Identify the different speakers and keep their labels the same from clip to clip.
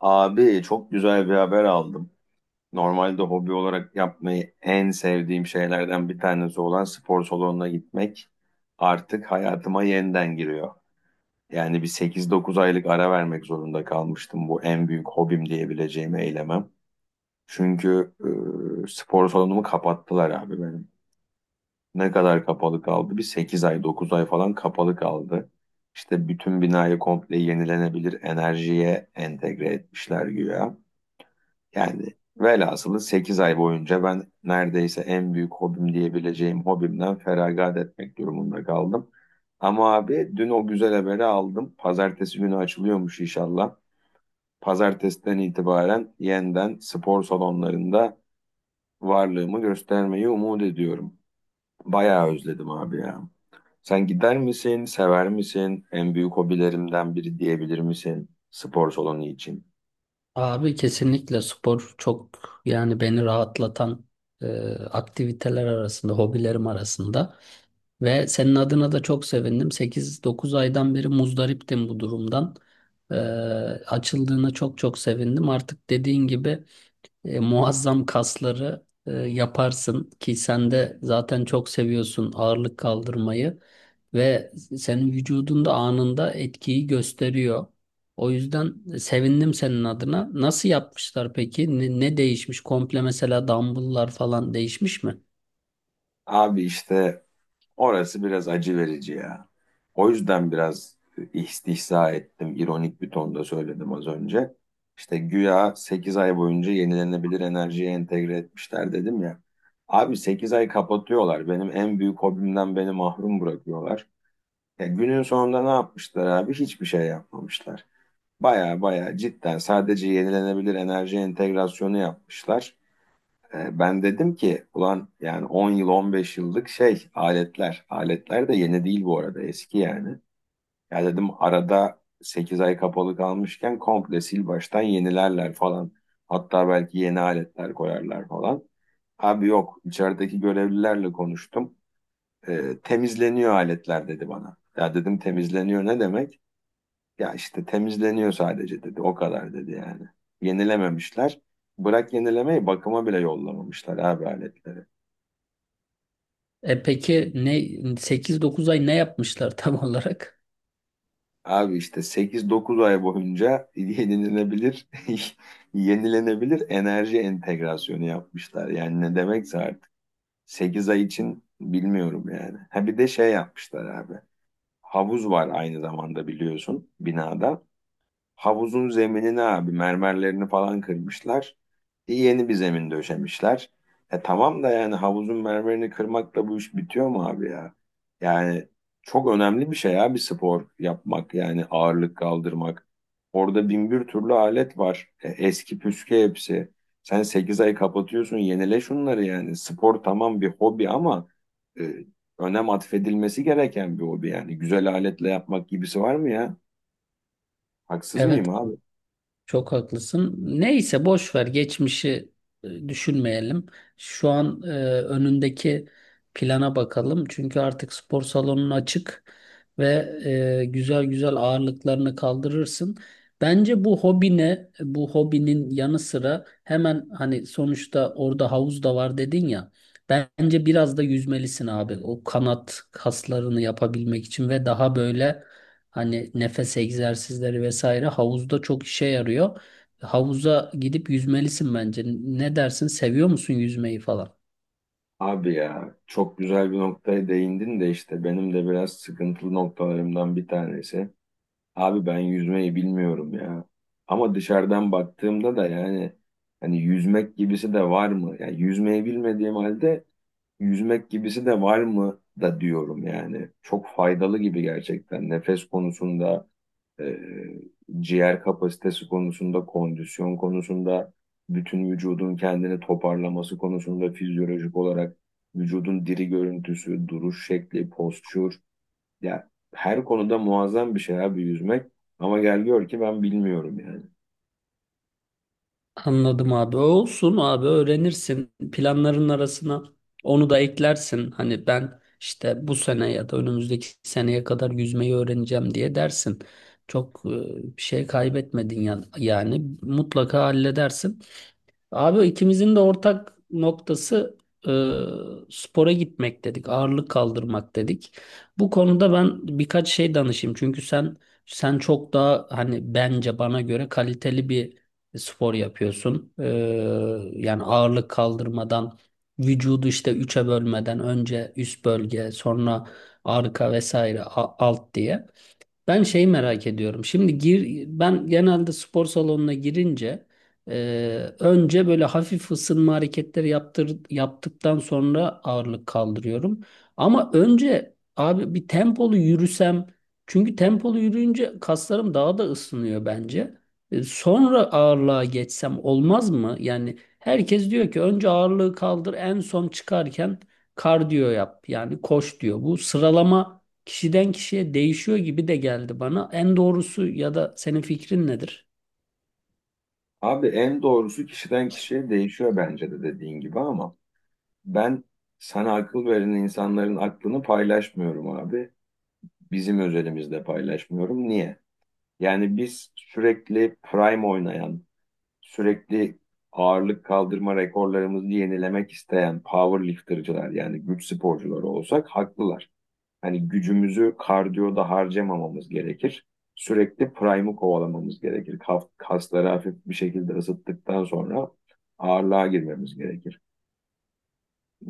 Speaker 1: Abi çok güzel bir haber aldım. Normalde hobi olarak yapmayı en sevdiğim şeylerden bir tanesi olan spor salonuna gitmek artık hayatıma yeniden giriyor. Yani bir 8-9 aylık ara vermek zorunda kalmıştım, bu en büyük hobim diyebileceğim eylemem. Çünkü spor salonumu kapattılar abi benim. Ne kadar kapalı kaldı? Bir 8 ay 9 ay falan kapalı kaldı. İşte bütün binayı komple yenilenebilir enerjiye entegre etmişler güya. Yani velhasılı 8 ay boyunca ben neredeyse en büyük hobim diyebileceğim hobimden feragat etmek durumunda kaldım. Ama abi dün o güzel haberi aldım. Pazartesi günü açılıyormuş inşallah. Pazartesiden itibaren yeniden spor salonlarında varlığımı göstermeyi umut ediyorum. Bayağı özledim abi ya. Sen gider misin, sever misin? En büyük hobilerimden biri diyebilir misin spor salonu için?
Speaker 2: Abi kesinlikle spor çok, yani beni rahatlatan e, aktiviteler arasında, hobilerim arasında. Ve senin adına da çok sevindim. 8-9 aydan beri muzdariptim bu durumdan. E, Açıldığına çok çok sevindim. Artık dediğin gibi muazzam kasları yaparsın ki sen de zaten çok seviyorsun ağırlık kaldırmayı ve senin vücudunda anında etkiyi gösteriyor. O yüzden sevindim senin adına. Nasıl yapmışlar peki? Ne değişmiş? Komple mesela dumbbell'lar falan değişmiş mi?
Speaker 1: Abi işte orası biraz acı verici ya. O yüzden biraz istihza ettim, ironik bir tonda söyledim az önce. İşte güya 8 ay boyunca yenilenebilir enerjiye entegre etmişler dedim ya. Abi 8 ay kapatıyorlar. Benim en büyük hobimden beni mahrum bırakıyorlar. Ya günün sonunda ne yapmışlar abi? Hiçbir şey yapmamışlar. Baya baya cidden sadece yenilenebilir enerji entegrasyonu yapmışlar. Ben dedim ki ulan yani 10 yıl 15 yıllık şey aletler. Aletler de yeni değil bu arada, eski yani. Ya dedim arada 8 ay kapalı kalmışken komple sil baştan yenilerler falan. Hatta belki yeni aletler koyarlar falan. Abi yok, içerideki görevlilerle konuştum. Temizleniyor aletler dedi bana. Ya dedim temizleniyor ne demek? Ya işte temizleniyor sadece dedi, o kadar dedi yani. Yenilememişler. Bırak yenilemeyi, bakıma bile yollamamışlar abi aletleri.
Speaker 2: E peki, 8-9 ay ne yapmışlar tam olarak?
Speaker 1: Abi işte 8-9 ay boyunca yenilenebilir, yenilenebilir enerji entegrasyonu yapmışlar. Yani ne demekse artık. 8 ay için bilmiyorum yani. Ha bir de şey yapmışlar abi. Havuz var aynı zamanda biliyorsun binada. Havuzun zeminini abi, mermerlerini falan kırmışlar. Yeni bir zemin döşemişler. E tamam da yani havuzun mermerini kırmakla bu iş bitiyor mu abi ya? Yani çok önemli bir şey abi, spor yapmak yani ağırlık kaldırmak. Orada bin bir türlü alet var. Eski püskü hepsi. Sen 8 ay kapatıyorsun, yenile şunları yani. Spor tamam bir hobi ama e, önem atfedilmesi gereken bir hobi yani. Güzel aletle yapmak gibisi var mı ya? Haksız mıyım
Speaker 2: Evet,
Speaker 1: abi?
Speaker 2: çok haklısın. Neyse, boş ver geçmişi, düşünmeyelim. Şu an önündeki plana bakalım. Çünkü artık spor salonun açık ve güzel güzel ağırlıklarını kaldırırsın. Bence bu hobine, bu hobinin yanı sıra, hemen, hani, sonuçta orada havuz da var dedin ya. Bence biraz da yüzmelisin abi. O kanat kaslarını yapabilmek için ve daha böyle, hani, nefes egzersizleri vesaire havuzda çok işe yarıyor. Havuza gidip yüzmelisin bence. Ne dersin? Seviyor musun yüzmeyi falan?
Speaker 1: Abi ya çok güzel bir noktaya değindin de işte benim de biraz sıkıntılı noktalarımdan bir tanesi. Abi ben yüzmeyi bilmiyorum ya. Ama dışarıdan baktığımda da yani hani yüzmek gibisi de var mı? Yani yüzmeyi bilmediğim halde yüzmek gibisi de var mı da diyorum yani. Çok faydalı gibi gerçekten nefes konusunda, e, ciğer kapasitesi konusunda, kondisyon konusunda, bütün vücudun kendini toparlaması konusunda fizyolojik olarak vücudun diri görüntüsü, duruş şekli, postür, ya, her konuda muazzam bir şey abi yüzmek, ama gel gör ki ben bilmiyorum yani.
Speaker 2: Anladım abi. Olsun abi, öğrenirsin. Planların arasına onu da eklersin. Hani ben işte bu sene ya da önümüzdeki seneye kadar yüzmeyi öğreneceğim diye dersin. Çok bir şey kaybetmedin yani. Yani mutlaka halledersin. Abi ikimizin de ortak noktası e, spora gitmek dedik, ağırlık kaldırmak dedik. Bu konuda ben birkaç şey danışayım. Çünkü sen çok daha, hani, bence bana göre kaliteli bir spor yapıyorsun. Yani ağırlık kaldırmadan vücudu işte üçe bölmeden önce üst bölge, sonra arka vesaire alt diye. Ben şey merak ediyorum. Şimdi gir, ben genelde spor salonuna girince önce böyle hafif ısınma hareketleri yaptır, yaptıktan sonra ağırlık kaldırıyorum. Ama önce abi bir tempolu yürüsem, çünkü tempolu yürüyünce kaslarım daha da ısınıyor bence. Sonra ağırlığa geçsem olmaz mı? Yani herkes diyor ki önce ağırlığı kaldır, en son çıkarken kardiyo yap, yani koş diyor. Bu sıralama kişiden kişiye değişiyor gibi de geldi bana. En doğrusu ya da senin fikrin nedir?
Speaker 1: Abi en doğrusu kişiden kişiye değişiyor bence de dediğin gibi, ama ben sana akıl veren insanların aklını paylaşmıyorum abi. Bizim özelimizde paylaşmıyorum. Niye? Yani biz sürekli prime oynayan, sürekli ağırlık kaldırma rekorlarımızı yenilemek isteyen powerlifter'cılar yani güç sporcuları olsak haklılar. Hani gücümüzü kardiyoda harcamamamız gerekir. Sürekli prime'ı kovalamamız gerekir. Kasları hafif bir şekilde ısıttıktan sonra ağırlığa girmemiz gerekir.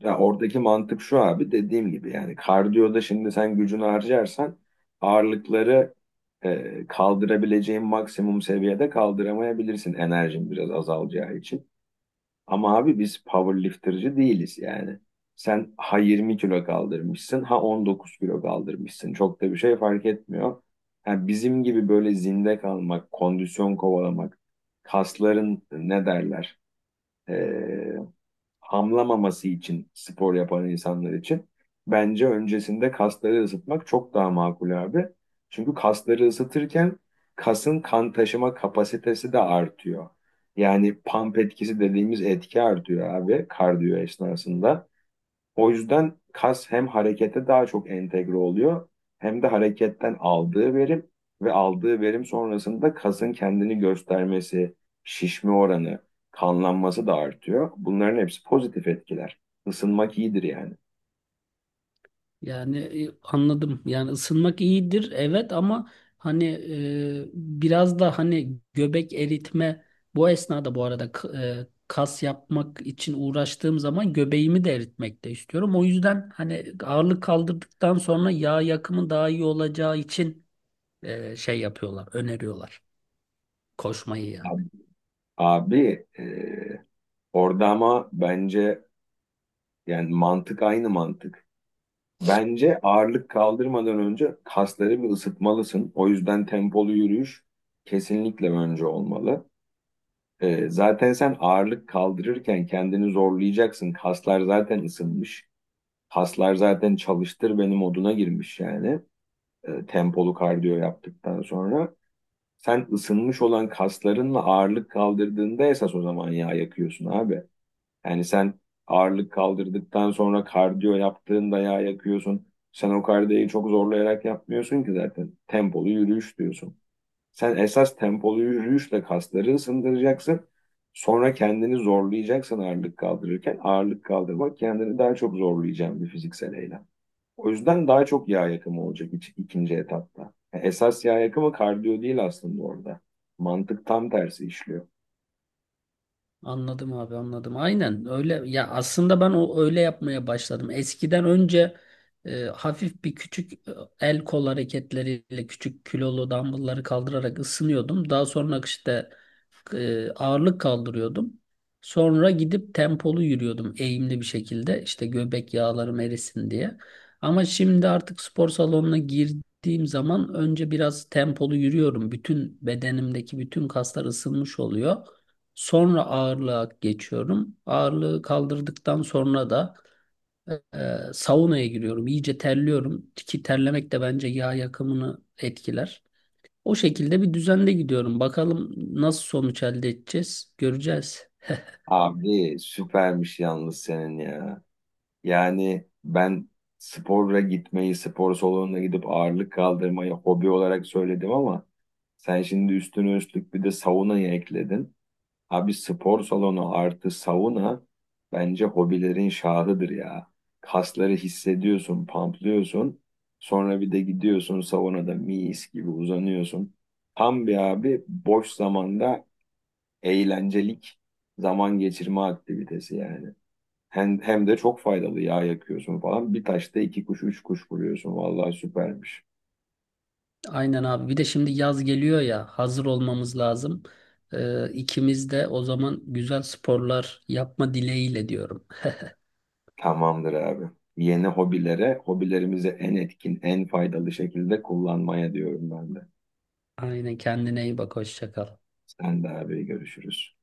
Speaker 1: Ya oradaki mantık şu abi, dediğim gibi yani kardiyoda şimdi sen gücünü harcarsan ağırlıkları kaldırabileceğin maksimum seviyede kaldıramayabilirsin, enerjin biraz azalacağı için. Ama abi biz powerlifterci değiliz yani. Sen ha 20 kilo kaldırmışsın ha 19 kilo kaldırmışsın, çok da bir şey fark etmiyor. Yani bizim gibi böyle zinde kalmak, kondisyon kovalamak, kasların ne derler, e, hamlamaması için spor yapan insanlar için bence öncesinde kasları ısıtmak çok daha makul abi. Çünkü kasları ısıtırken kasın kan taşıma kapasitesi de artıyor. Yani pump etkisi dediğimiz etki artıyor abi kardiyo esnasında. O yüzden kas hem harekete daha çok entegre oluyor hem de hareketten aldığı verim ve aldığı verim sonrasında kasın kendini göstermesi, şişme oranı, kanlanması da artıyor. Bunların hepsi pozitif etkiler. Isınmak iyidir yani.
Speaker 2: Yani anladım. Yani ısınmak iyidir evet, ama hani biraz da hani göbek eritme, bu esnada bu arada, kas yapmak için uğraştığım zaman göbeğimi de eritmek de istiyorum. O yüzden hani ağırlık kaldırdıktan sonra yağ yakımı daha iyi olacağı için şey yapıyorlar, öneriyorlar koşmayı yani.
Speaker 1: Abi, abi, orada ama bence yani mantık aynı mantık. Bence ağırlık kaldırmadan önce kasları bir ısıtmalısın. O yüzden tempolu yürüyüş kesinlikle önce olmalı. Zaten sen ağırlık kaldırırken kendini zorlayacaksın. Kaslar zaten ısınmış. Kaslar zaten çalıştır beni moduna girmiş yani. Tempolu kardiyo yaptıktan sonra. Sen ısınmış olan kaslarınla ağırlık kaldırdığında esas o zaman yağ yakıyorsun abi. Yani sen ağırlık kaldırdıktan sonra kardiyo yaptığında yağ yakıyorsun. Sen o kardiyoyu çok zorlayarak yapmıyorsun ki zaten. Tempolu yürüyüş diyorsun. Sen esas tempolu yürüyüşle kasları ısındıracaksın. Sonra kendini zorlayacaksın ağırlık kaldırırken. Ağırlık kaldırmak kendini daha çok zorlayacağın bir fiziksel eylem. O yüzden daha çok yağ yakımı olacak ikinci etapta. Yani esas yağ yakımı kardiyo değil aslında orada. Mantık tam tersi işliyor.
Speaker 2: Anladım abi, anladım. Aynen öyle ya, aslında ben o öyle yapmaya başladım. Eskiden önce hafif bir küçük el kol hareketleriyle küçük kilolu dumbbellları kaldırarak ısınıyordum. Daha sonra işte ağırlık kaldırıyordum. Sonra gidip tempolu yürüyordum eğimli bir şekilde, işte göbek yağlarım erisin diye. Ama şimdi artık spor salonuna girdiğim zaman önce biraz tempolu yürüyorum. Bütün bedenimdeki bütün kaslar ısınmış oluyor. Sonra ağırlığa geçiyorum. Ağırlığı kaldırdıktan sonra da e, saunaya giriyorum. İyice terliyorum ki terlemek de bence yağ yakımını etkiler. O şekilde bir düzende gidiyorum. Bakalım nasıl sonuç elde edeceğiz, göreceğiz.
Speaker 1: Abi süpermiş yalnız senin ya. Yani ben sporla gitmeyi, spor salonuna gidip ağırlık kaldırmayı hobi olarak söyledim ama sen şimdi üstüne üstlük bir de saunayı ekledin. Abi spor salonu artı sauna bence hobilerin şahıdır ya. Kasları hissediyorsun, pamplıyorsun. Sonra bir de gidiyorsun saunada mis gibi uzanıyorsun. Tam bir abi boş zamanda eğlencelik zaman geçirme aktivitesi yani. Hem, hem de çok faydalı yağ yakıyorsun falan. Bir taşta iki kuş, üç kuş vuruyorsun. Vallahi süpermiş.
Speaker 2: Aynen abi. Bir de şimdi yaz geliyor ya, hazır olmamız lazım. İkimiz de o zaman güzel sporlar yapma dileğiyle diyorum.
Speaker 1: Tamamdır abi. Yeni hobilere, hobilerimizi en etkin, en faydalı şekilde kullanmaya diyorum ben de.
Speaker 2: Aynen, kendine iyi bak, hoşça kal.
Speaker 1: Sen de abi görüşürüz.